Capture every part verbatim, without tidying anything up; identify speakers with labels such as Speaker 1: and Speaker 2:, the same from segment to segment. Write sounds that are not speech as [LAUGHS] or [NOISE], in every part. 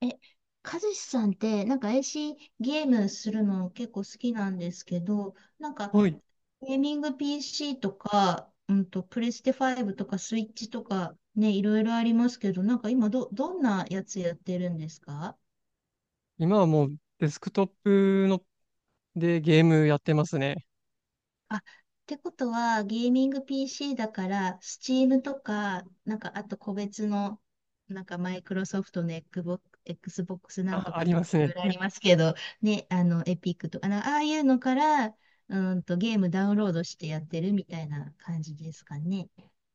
Speaker 1: え、かずさんって、なんか エーシー ゲームするの結構好きなんですけど、なんか
Speaker 2: はい。
Speaker 1: ゲーミング ピーシー とか、うんと、プレステごとかスイッチとかね、いろいろありますけど、なんか今ど、どんなやつやってるんですか？
Speaker 2: 今はもうデスクトップのでゲームやってますね。
Speaker 1: あ、ってことは、ゲーミング ピーシー だから、Steam とか、なんか、あと個別の、なんか、マイクロソフトの Xbox Xbox なんと
Speaker 2: あ、あ
Speaker 1: か
Speaker 2: り
Speaker 1: と
Speaker 2: ま
Speaker 1: か、
Speaker 2: す
Speaker 1: いろ
Speaker 2: ね。
Speaker 1: いろありますけど、ね、あの、エピックとか、なああいうのから、うんと、ゲームダウンロードしてやってるみたいな感じですかね。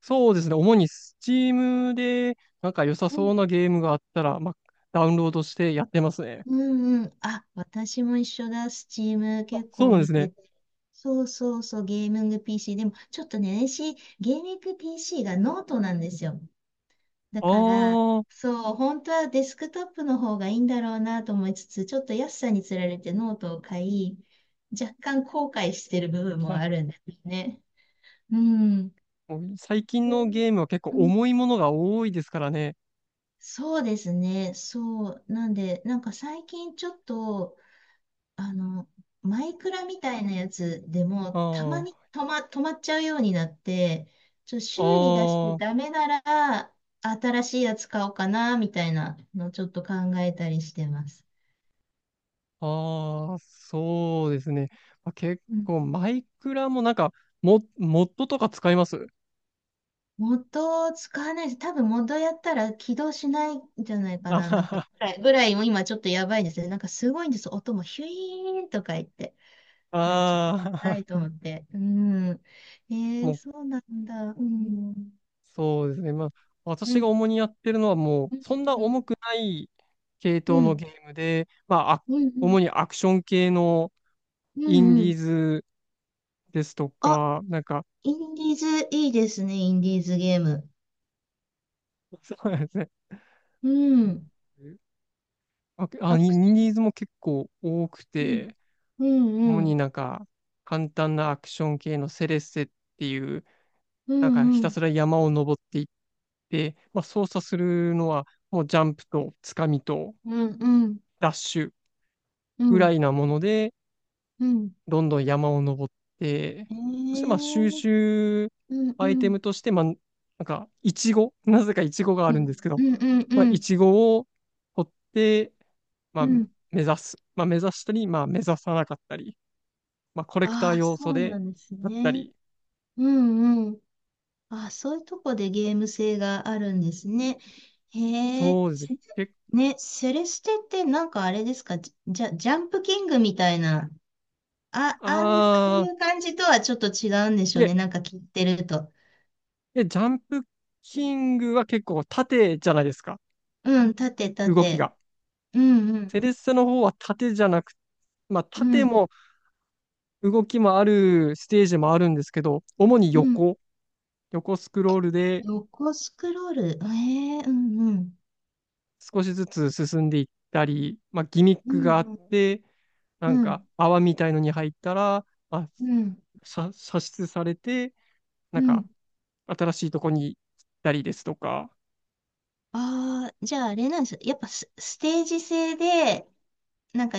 Speaker 2: そうですね。主に Steam でなんか良さ
Speaker 1: う
Speaker 2: そ
Speaker 1: ん。
Speaker 2: うなゲームがあったら、まあ、ダウンロードしてやってますね。
Speaker 1: うんうん。あ、私も一緒だ。Steam
Speaker 2: あ、
Speaker 1: 結
Speaker 2: そう
Speaker 1: 構
Speaker 2: なんで
Speaker 1: 見
Speaker 2: す
Speaker 1: て
Speaker 2: ね。
Speaker 1: て。そうそうそう、ゲーミング ピーシー。でも、ちょっとね、私、ゲーミング ピーシー がノートなんですよ。だ
Speaker 2: あ
Speaker 1: から、
Speaker 2: ー
Speaker 1: そう、本当はデスクトップの方がいいんだろうなと思いつつ、ちょっと安さにつられてノートを買い、若干後悔してる部分も
Speaker 2: あ、
Speaker 1: あるんですね。うん。で
Speaker 2: [LAUGHS] もう最近のゲームは結構
Speaker 1: うん、
Speaker 2: 重いものが多いですからね。
Speaker 1: そうですね。そう。なんで、なんか最近ちょっとあの、マイクラみたいなやつでも、た
Speaker 2: あ
Speaker 1: まに止ま、止まっちゃうようになって、ちょ、
Speaker 2: あ、
Speaker 1: 修理出して
Speaker 2: ああ、
Speaker 1: ダメなら、新しいやつ買おうかな、みたいなのをちょっと考えたりしてます。
Speaker 2: ああ、そうですね。まあ、結
Speaker 1: うん。
Speaker 2: 構マイクラもなんかモ、モッドとか使います？
Speaker 1: 元を使わないし、多分元やったら起動しないんじゃない
Speaker 2: [LAUGHS]
Speaker 1: か
Speaker 2: あ
Speaker 1: な、
Speaker 2: は
Speaker 1: なんか、
Speaker 2: は、
Speaker 1: ぐらい、ぐらいも今ちょっとやばいですね。なんかすごいんです。音もヒュイーンとか言って。あれちょっと、は
Speaker 2: あ
Speaker 1: いと
Speaker 2: あ、
Speaker 1: 思って。うん。え
Speaker 2: も
Speaker 1: ー、
Speaker 2: う
Speaker 1: そうなんだ。うん。
Speaker 2: そうですね。まあ、
Speaker 1: う
Speaker 2: 私が
Speaker 1: ん。
Speaker 2: 主にやってるのはもう、
Speaker 1: うん
Speaker 2: そんな
Speaker 1: うん
Speaker 2: 重くない系統
Speaker 1: う
Speaker 2: の
Speaker 1: ん。
Speaker 2: ゲームで、まあ、あ
Speaker 1: うん、うん、
Speaker 2: 主にアクション系の
Speaker 1: う
Speaker 2: イン
Speaker 1: ん、
Speaker 2: デ
Speaker 1: う
Speaker 2: ィー
Speaker 1: ん。
Speaker 2: ズですと
Speaker 1: あ、
Speaker 2: か、なんか、
Speaker 1: インディーズいいですね、インディーズゲーム。
Speaker 2: [LAUGHS] そうですね。
Speaker 1: うん。
Speaker 2: あ、あ
Speaker 1: ア
Speaker 2: イ
Speaker 1: クシ
Speaker 2: ンデ
Speaker 1: ョ
Speaker 2: ィー
Speaker 1: ン。
Speaker 2: ズも結構多く
Speaker 1: うん、
Speaker 2: て、
Speaker 1: う
Speaker 2: 主に
Speaker 1: ん、
Speaker 2: なんか、簡単なアクション系のセレッセっていう、
Speaker 1: う
Speaker 2: なんか
Speaker 1: ん、
Speaker 2: ひ
Speaker 1: う
Speaker 2: た
Speaker 1: ん、
Speaker 2: すら山を登っていって、まあ、操作するのは、もうジャンプとつかみと
Speaker 1: うん、うん、うん、
Speaker 2: ダッシュ
Speaker 1: う
Speaker 2: ぐら
Speaker 1: ん、
Speaker 2: いなもので、
Speaker 1: うん。
Speaker 2: どんどん山を登って、そしてまあ
Speaker 1: ええ
Speaker 2: 収集
Speaker 1: うん、う
Speaker 2: アイテ
Speaker 1: ん、
Speaker 2: ムとして、まあ、なんか、イチゴ、なぜかイチゴがあ
Speaker 1: う
Speaker 2: るん
Speaker 1: ん、
Speaker 2: ですけど、
Speaker 1: うん、うん、
Speaker 2: ま
Speaker 1: う
Speaker 2: あ、イ
Speaker 1: ん。
Speaker 2: チゴを取って、ま
Speaker 1: う
Speaker 2: あ、目
Speaker 1: ん
Speaker 2: 指す。まあ、目指したり、まあ、目指さなかったり、まあ、コレクター
Speaker 1: ああ、
Speaker 2: 要
Speaker 1: そ
Speaker 2: 素
Speaker 1: う
Speaker 2: で、
Speaker 1: なんです
Speaker 2: だった
Speaker 1: ね。
Speaker 2: り、
Speaker 1: うん、うん。ああ、そういうとこでゲーム性があるんですね。へえ、
Speaker 2: そうですね。
Speaker 1: せ
Speaker 2: 結
Speaker 1: ね、セレステってなんかあれですか、じゃ、ジャンプキングみたいなあ、あん、そう
Speaker 2: 構、
Speaker 1: い
Speaker 2: あ
Speaker 1: う感じとはちょっと違うんでし
Speaker 2: ー、
Speaker 1: ょ
Speaker 2: い
Speaker 1: うね。
Speaker 2: え、
Speaker 1: なんか切ってると。
Speaker 2: いえ、ジャンプキングは結構縦じゃないですか、
Speaker 1: うん、縦、
Speaker 2: 動き
Speaker 1: 縦。
Speaker 2: が。
Speaker 1: うんうん、
Speaker 2: セレッセの方は縦じゃなく、まあ、
Speaker 1: う
Speaker 2: 縦
Speaker 1: ん、
Speaker 2: も動きもあるステージもあるんですけど、主に
Speaker 1: うん。
Speaker 2: 横、横スクロールで
Speaker 1: 横スクロール。ええうんうん。
Speaker 2: 少しずつ進んでいったり、まあ、ギミッ
Speaker 1: う
Speaker 2: ク
Speaker 1: ん
Speaker 2: があっ
Speaker 1: うん、
Speaker 2: て、な
Speaker 1: う
Speaker 2: んか
Speaker 1: ん、
Speaker 2: 泡みたいのに入ったら、まあ、
Speaker 1: うん、
Speaker 2: さ射出されて、な
Speaker 1: う
Speaker 2: ん
Speaker 1: ん。
Speaker 2: か新しいとこに行ったりですとか、
Speaker 1: ああー、じゃああれなんですよ。やっぱス、ステージ制で、なんか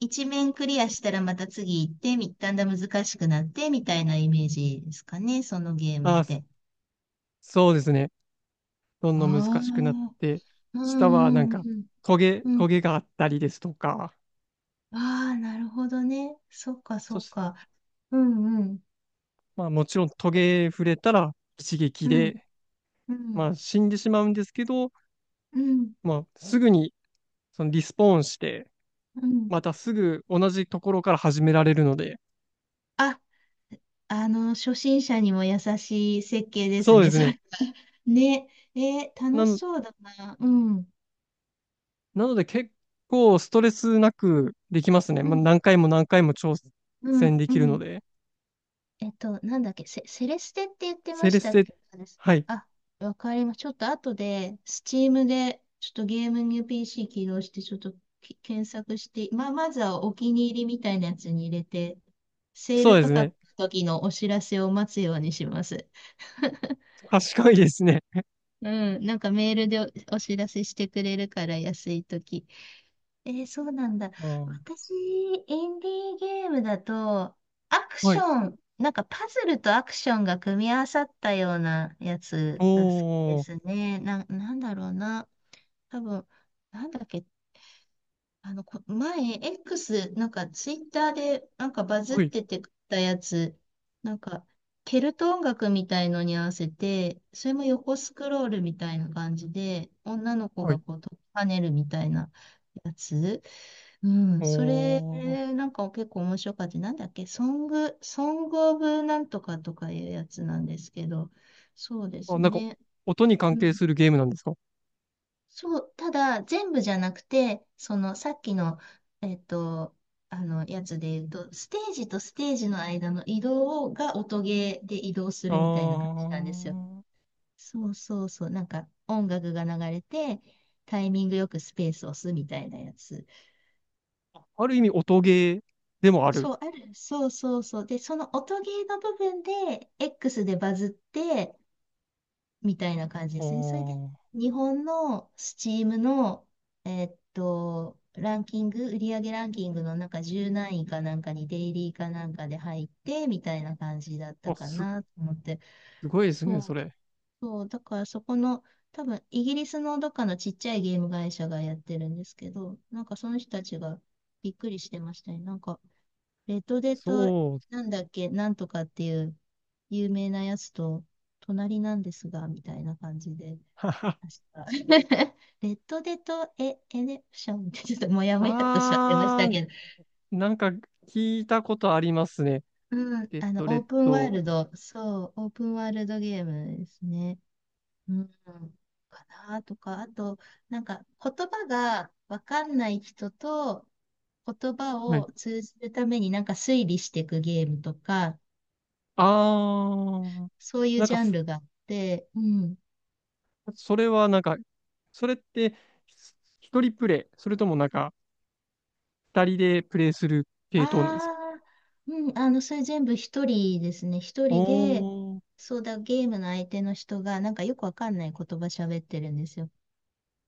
Speaker 1: 一面クリアしたらまた次行って、み、だんだん難しくなって、みたいなイメージですかね。そのゲームっ
Speaker 2: あ、
Speaker 1: て。
Speaker 2: そうですね。どんどん難
Speaker 1: あ
Speaker 2: しくなっ
Speaker 1: あ、
Speaker 2: て、
Speaker 1: う
Speaker 2: 下はなん
Speaker 1: んうん
Speaker 2: か
Speaker 1: うん。
Speaker 2: トゲ、
Speaker 1: うん
Speaker 2: トゲがあったりですとか、
Speaker 1: ああ、なるほどね。そっか、そ
Speaker 2: そ
Speaker 1: っ
Speaker 2: して、
Speaker 1: か。うんうん。
Speaker 2: まあもちろんトゲ触れたら一撃
Speaker 1: うん。
Speaker 2: で、
Speaker 1: う
Speaker 2: ま
Speaker 1: ん。
Speaker 2: あ死んでしまうんですけど、
Speaker 1: うん。
Speaker 2: まあ、すぐにそのリスポーンして、
Speaker 1: うん。
Speaker 2: またすぐ同じところから始められるので、
Speaker 1: あ、あの、初心者にも優しい設計です
Speaker 2: そうで
Speaker 1: ね、
Speaker 2: す
Speaker 1: それ
Speaker 2: ね。
Speaker 1: は。[LAUGHS] ね。えー
Speaker 2: な
Speaker 1: 楽し
Speaker 2: の、
Speaker 1: そうだな。うん。
Speaker 2: なので結構ストレスなくできますね。
Speaker 1: う
Speaker 2: まあ、
Speaker 1: ん。
Speaker 2: 何回も何回も挑
Speaker 1: うん。
Speaker 2: 戦で
Speaker 1: う
Speaker 2: きるの
Speaker 1: ん。
Speaker 2: で。
Speaker 1: えっと、なんだっけ、セ、セレステって言ってま
Speaker 2: セレ
Speaker 1: し
Speaker 2: ス
Speaker 1: たっ
Speaker 2: テ、
Speaker 1: け？
Speaker 2: はい。
Speaker 1: あ、わかります。ちょっと後で、スチームで、ちょっとゲームに ピーシー 起動して、ちょっとき検索して、まあ、まずはお気に入りみたいなやつに入れて、セー
Speaker 2: そ
Speaker 1: ル
Speaker 2: うで
Speaker 1: 価
Speaker 2: す
Speaker 1: 格
Speaker 2: ね。
Speaker 1: の時のお知らせを待つようにします。[LAUGHS]
Speaker 2: 賢いですね。
Speaker 1: うん、なんかメールでお、お知らせしてくれるから、安い時。えーそうなんだ。
Speaker 2: あー
Speaker 1: 私、インディーゲームだと、アク
Speaker 2: は
Speaker 1: シ
Speaker 2: い。
Speaker 1: ョン、なんかパズルとアクションが組み合わさったようなやつが好きで
Speaker 2: おー、
Speaker 1: すね。な、なんだろうな。多分、なんだっけ、あの、こ前、X、なんかツイッターでなんかバズっ
Speaker 2: はい、
Speaker 1: ててたやつ、なんか、ケルト音楽みたいのに合わせて、それも横スクロールみたいな感じで、女の子
Speaker 2: は
Speaker 1: が
Speaker 2: い。
Speaker 1: こう、跳ねるみたいなやつ。うん、
Speaker 2: お
Speaker 1: それ、
Speaker 2: ー。
Speaker 1: なんか結構面白かった。なんだっけ、ソング、ソングオブなんとかとかいうやつなんですけど、そうで
Speaker 2: あ、
Speaker 1: す
Speaker 2: なんか、
Speaker 1: ね。
Speaker 2: 音に関
Speaker 1: う
Speaker 2: 係
Speaker 1: ん。
Speaker 2: するゲームなんですか？
Speaker 1: そう、ただ、全部じゃなくて、その、さっきの、えっと、あの、やつで言うと、ステージとステージの間の移動が音ゲーで移動す
Speaker 2: あ
Speaker 1: るみたいな感じなんですよ。
Speaker 2: ー。
Speaker 1: そうそうそう、なんか音楽が流れて、タイミングよくスペースを押すみたいなやつ。
Speaker 2: ある意味音ゲーでもある。
Speaker 1: そう、ある。そうそうそう。で、その音ゲーの部分で、X でバズって、みたいな感じ
Speaker 2: あ
Speaker 1: ですね。それで、
Speaker 2: ー。
Speaker 1: 日本の Steam の、えーっと、ランキング、売上ランキングのなんかじゅう何位かなんかにデイリーかなんかで入って、みたいな感じだった
Speaker 2: あ、
Speaker 1: か
Speaker 2: す
Speaker 1: なと思って。
Speaker 2: すごいですね、そ
Speaker 1: そう、
Speaker 2: れ。
Speaker 1: そう。だからそこの、多分、イギリスのどっかのちっちゃいゲーム会社がやってるんですけど、なんかその人たちがびっくりしてましたね。なんか、レッドデッド
Speaker 2: そう。
Speaker 1: なんだっけ、なんとかっていう有名なやつと、隣なんですが、みたいな感じで、[LAUGHS] ました [LAUGHS] レッドデとエ、エレプションってちょっともやもやっとしちゃってまし
Speaker 2: あ
Speaker 1: た
Speaker 2: ー、
Speaker 1: けど、
Speaker 2: なんか聞いたことありますね。
Speaker 1: うん、
Speaker 2: レッ
Speaker 1: あの、
Speaker 2: ド、レ
Speaker 1: オー
Speaker 2: ッ
Speaker 1: プンワール
Speaker 2: ド。
Speaker 1: ド、そう、オープンワールドゲームですね。うん、かなとか、あと、なんか、言葉がわかんない人と、言葉
Speaker 2: はい。
Speaker 1: を通じるためになんか推理していくゲームとか、
Speaker 2: あー、
Speaker 1: そういう
Speaker 2: なん
Speaker 1: ジ
Speaker 2: か
Speaker 1: ャン
Speaker 2: ふ、
Speaker 1: ルがあって、うん。
Speaker 2: それはなんか、それって、ひ一人プレイ、それともなんか、二人でプレイする
Speaker 1: あ
Speaker 2: 系統なんですか？
Speaker 1: あ、うん、あの、それ全部一人ですね。一
Speaker 2: お
Speaker 1: 人で、
Speaker 2: ー、
Speaker 1: そうだ、ゲームの相手の人が、なんかよくわかんない言葉喋ってるんですよ。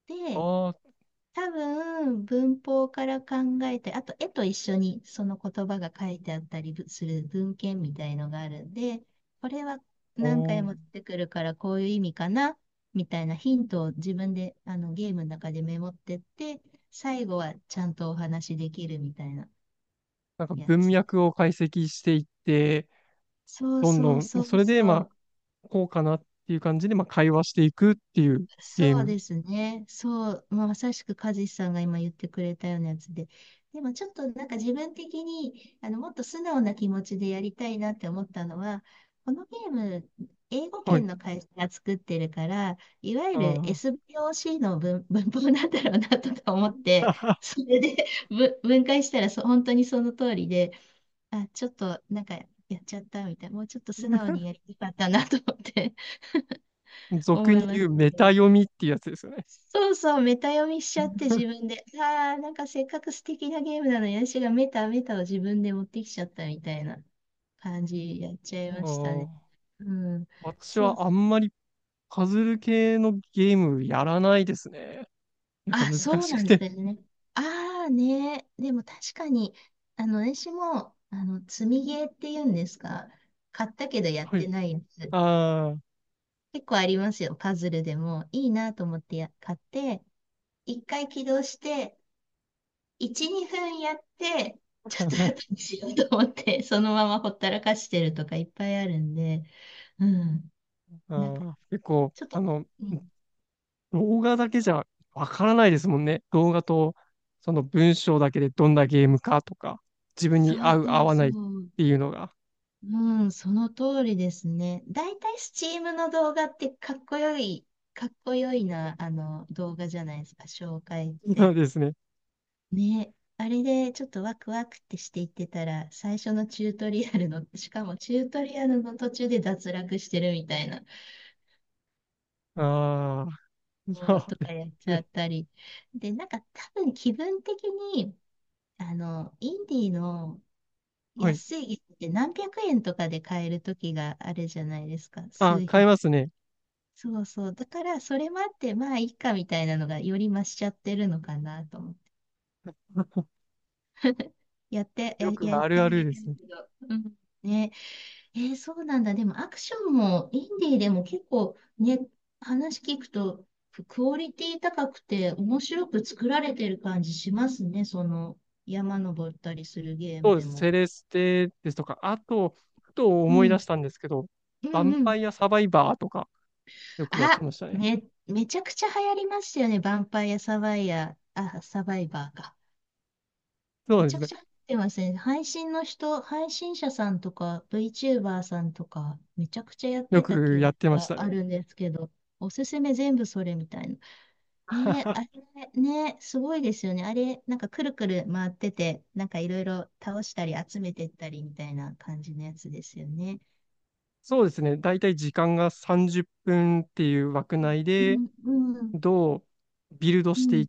Speaker 1: で、
Speaker 2: あー、
Speaker 1: 多分、文法から考えたり、あと絵と一緒にその言葉が書いてあったりする文献みたいのがあるんで、これは何
Speaker 2: お
Speaker 1: 回
Speaker 2: ー。
Speaker 1: も出てくるからこういう意味かな、みたいなヒントを自分であのゲームの中でメモってって、最後はちゃんとお話しできるみたいな
Speaker 2: なんか
Speaker 1: や
Speaker 2: 文
Speaker 1: つ。
Speaker 2: 脈を解析していって、
Speaker 1: そう
Speaker 2: どんど
Speaker 1: そう
Speaker 2: ん、まあ、
Speaker 1: そ
Speaker 2: そ
Speaker 1: う
Speaker 2: れで、ま
Speaker 1: そ
Speaker 2: あ、
Speaker 1: う。
Speaker 2: こうかなっていう感じで、まあ、会話していくっていうゲー
Speaker 1: そう
Speaker 2: ム。
Speaker 1: ですね。そう、まあまさしく和志さんが今言ってくれたようなやつで。でもちょっとなんか自分的にあのもっと素直な気持ちでやりたいなって思ったのは、このゲーム、英語
Speaker 2: はい。
Speaker 1: 圏の会社が作ってるから、いわゆる
Speaker 2: あ
Speaker 1: エスビーオーシー の文、[LAUGHS] 文法なんだろうなとか思
Speaker 2: ー。
Speaker 1: って、
Speaker 2: [LAUGHS]
Speaker 1: それで [LAUGHS] ぶ分解したらそ本当にその通りで、あ、ちょっとなんかやっちゃったみたいな、もうちょっと素直
Speaker 2: [LAUGHS]
Speaker 1: にやりたかったなと思って [LAUGHS]
Speaker 2: 俗
Speaker 1: 思い
Speaker 2: に
Speaker 1: ま
Speaker 2: 言
Speaker 1: し
Speaker 2: う
Speaker 1: た
Speaker 2: メ
Speaker 1: け
Speaker 2: タ
Speaker 1: ど。
Speaker 2: 読みっていうやつですよね。
Speaker 1: そうそう、メタ読みしちゃって自分で。ああ、なんかせっかく素敵なゲームなのに、私がメタメタを自分で持ってきちゃったみたいな感じやっちゃい
Speaker 2: あ
Speaker 1: ました
Speaker 2: ー
Speaker 1: ね。うん。
Speaker 2: 私
Speaker 1: そう。
Speaker 2: はあんまりパズル系のゲームやらないですね。なんか
Speaker 1: あ、
Speaker 2: 難
Speaker 1: そう
Speaker 2: し
Speaker 1: な
Speaker 2: く
Speaker 1: んです
Speaker 2: て。
Speaker 1: よね。ああね。でも確かに、あの、私も、あの、積みゲーっていうんですか。買ったけどやっ
Speaker 2: は
Speaker 1: て
Speaker 2: い。
Speaker 1: ないやつ。
Speaker 2: あ
Speaker 1: 結構ありますよ。パズルでも。いいなと思ってや買って、一回起動して、いち、にふんやって、ちょっ
Speaker 2: ー
Speaker 1: と後
Speaker 2: [LAUGHS]
Speaker 1: にしようと思って、[LAUGHS] そのままほったらかしてるとかいっぱいあるんで、うん。
Speaker 2: あ
Speaker 1: なんか、
Speaker 2: ー、結構、
Speaker 1: ちょっ
Speaker 2: あ
Speaker 1: と、
Speaker 2: の、
Speaker 1: うん。
Speaker 2: 動画だけじゃわからないですもんね。動画と、その文章だけでどんなゲームかとか、自分
Speaker 1: そ
Speaker 2: に
Speaker 1: う
Speaker 2: 合う、合
Speaker 1: そう
Speaker 2: わな
Speaker 1: そ
Speaker 2: いっ
Speaker 1: う。
Speaker 2: ていうのが。
Speaker 1: うん、その通りですね。だいたいスチームの動画ってかっこよい、かっこよいな、あの、動画じゃないですか、紹介っ
Speaker 2: そ
Speaker 1: て。
Speaker 2: うですね。
Speaker 1: ね。あれでちょっとワクワクってしていってたら、最初のチュートリアルの、しかもチュートリアルの途中で脱落してるみたいな。
Speaker 2: ああ、[LAUGHS] そう
Speaker 1: と
Speaker 2: で
Speaker 1: かやっ
Speaker 2: す
Speaker 1: ちゃっ
Speaker 2: ね。
Speaker 1: たり。で、なんか多分気分的に、あの、インディーの
Speaker 2: はい。
Speaker 1: 安い椅子って何百円とかで買える時があるじゃないですか。
Speaker 2: あ、
Speaker 1: 数
Speaker 2: 変え
Speaker 1: 百。
Speaker 2: ますね。
Speaker 1: そうそう。だからそれもあって、まあいいかみたいなのがより増しちゃってるのかなと思って。やって、や、
Speaker 2: よく
Speaker 1: やっ
Speaker 2: あ
Speaker 1: て
Speaker 2: るあ
Speaker 1: あ
Speaker 2: る
Speaker 1: げ
Speaker 2: で
Speaker 1: て
Speaker 2: す
Speaker 1: る
Speaker 2: ね。
Speaker 1: けど。うん。ねえーそうなんだ。でもアクションもインディーでも結構ね、話聞くとクオリティ高くて面白く作られてる感じしますね。その山登ったりするゲー
Speaker 2: そ
Speaker 1: ム
Speaker 2: うで
Speaker 1: で
Speaker 2: す。
Speaker 1: も。
Speaker 2: セレステですとか、あと、ふと
Speaker 1: う
Speaker 2: 思い出し
Speaker 1: ん。
Speaker 2: たんですけど、
Speaker 1: う
Speaker 2: ヴァ
Speaker 1: ん
Speaker 2: ン
Speaker 1: うん。
Speaker 2: パイアサバイバーとか、よくやって
Speaker 1: あ、
Speaker 2: ましたね。
Speaker 1: め、めちゃくちゃ流行りましたよね。ヴァンパイアサバイヤー、あ、サバイバーか。
Speaker 2: そ
Speaker 1: め
Speaker 2: うで
Speaker 1: ち
Speaker 2: す
Speaker 1: ゃく
Speaker 2: ね。
Speaker 1: ちゃ流行ってますね。配信の人、配信者さんとか VTuber さんとかめちゃくちゃやっ
Speaker 2: よ
Speaker 1: てた
Speaker 2: く
Speaker 1: 記
Speaker 2: や
Speaker 1: 憶
Speaker 2: ってまし
Speaker 1: が
Speaker 2: た
Speaker 1: ある
Speaker 2: ね。
Speaker 1: んですけど。おすすめ全部それみたいな。ええあ
Speaker 2: [LAUGHS]
Speaker 1: れね、すごいですよね。あれ、なんかくるくる回ってて、なんかいろいろ倒したり集めてったりみたいな感じのやつですよね。
Speaker 2: そうですね。だいたい時間がさんじゅっぷんっぷんっていう枠内
Speaker 1: う
Speaker 2: で、
Speaker 1: ん、うん、うん、
Speaker 2: どうビルド
Speaker 1: う
Speaker 2: してい
Speaker 1: ん、
Speaker 2: っ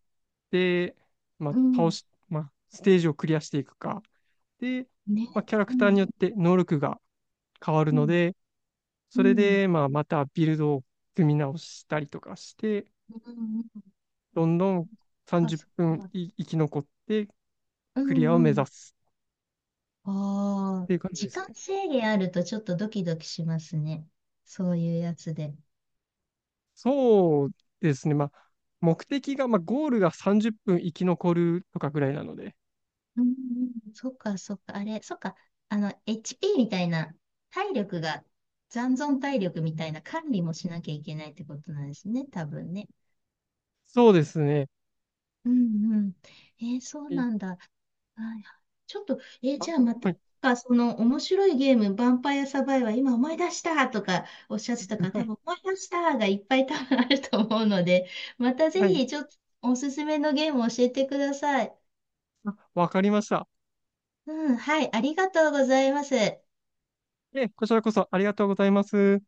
Speaker 2: て、まあ、
Speaker 1: う
Speaker 2: 倒
Speaker 1: ん
Speaker 2: し、まあ、ステージをクリアしていくか。で、まあ、
Speaker 1: ね、
Speaker 2: キャラ
Speaker 1: う
Speaker 2: クター
Speaker 1: ん、
Speaker 2: によって能力が変わる
Speaker 1: う
Speaker 2: の
Speaker 1: ん、
Speaker 2: で、
Speaker 1: う
Speaker 2: それ
Speaker 1: ん、
Speaker 2: で、まあ、またビルドを組み直したりとかして、
Speaker 1: うん、うんうん
Speaker 2: どんどん
Speaker 1: あ、
Speaker 2: 30
Speaker 1: そっ
Speaker 2: 分
Speaker 1: か。
Speaker 2: い生き残って
Speaker 1: う
Speaker 2: クリアを
Speaker 1: ん、う
Speaker 2: 目指
Speaker 1: ん。
Speaker 2: す
Speaker 1: あ
Speaker 2: っ
Speaker 1: あ、
Speaker 2: ていう感じで
Speaker 1: 時
Speaker 2: す
Speaker 1: 間
Speaker 2: ね。
Speaker 1: 制限あるとちょっとドキドキしますね。そういうやつで。
Speaker 2: そうですね。まあ、目的が、まあ、ゴールがさんじゅっぷん生き残るとかぐらいなので。
Speaker 1: うんうんそっか、そっか、あれ、そっか、あの、エイチピー みたいな、体力が、残存体力みたいな管理もしなきゃいけないってことなんですね、多分ね。
Speaker 2: そうですね。
Speaker 1: うんうん。えーそう
Speaker 2: い
Speaker 1: なんだ。はいちょっと、えーじ
Speaker 2: あ、
Speaker 1: ゃあまた、
Speaker 2: は
Speaker 1: な
Speaker 2: い。
Speaker 1: んかその面白いゲーム、ヴァンパイアサバイバー、今思い出したとかおっしゃってたから、多分思い出したがいっぱい多分あると思うので、またぜ
Speaker 2: はい。
Speaker 1: ひちょっとおすすめのゲームを教えてください。
Speaker 2: あわかりました。
Speaker 1: うん、はい、ありがとうございます。
Speaker 2: え、こちらこそありがとうございます。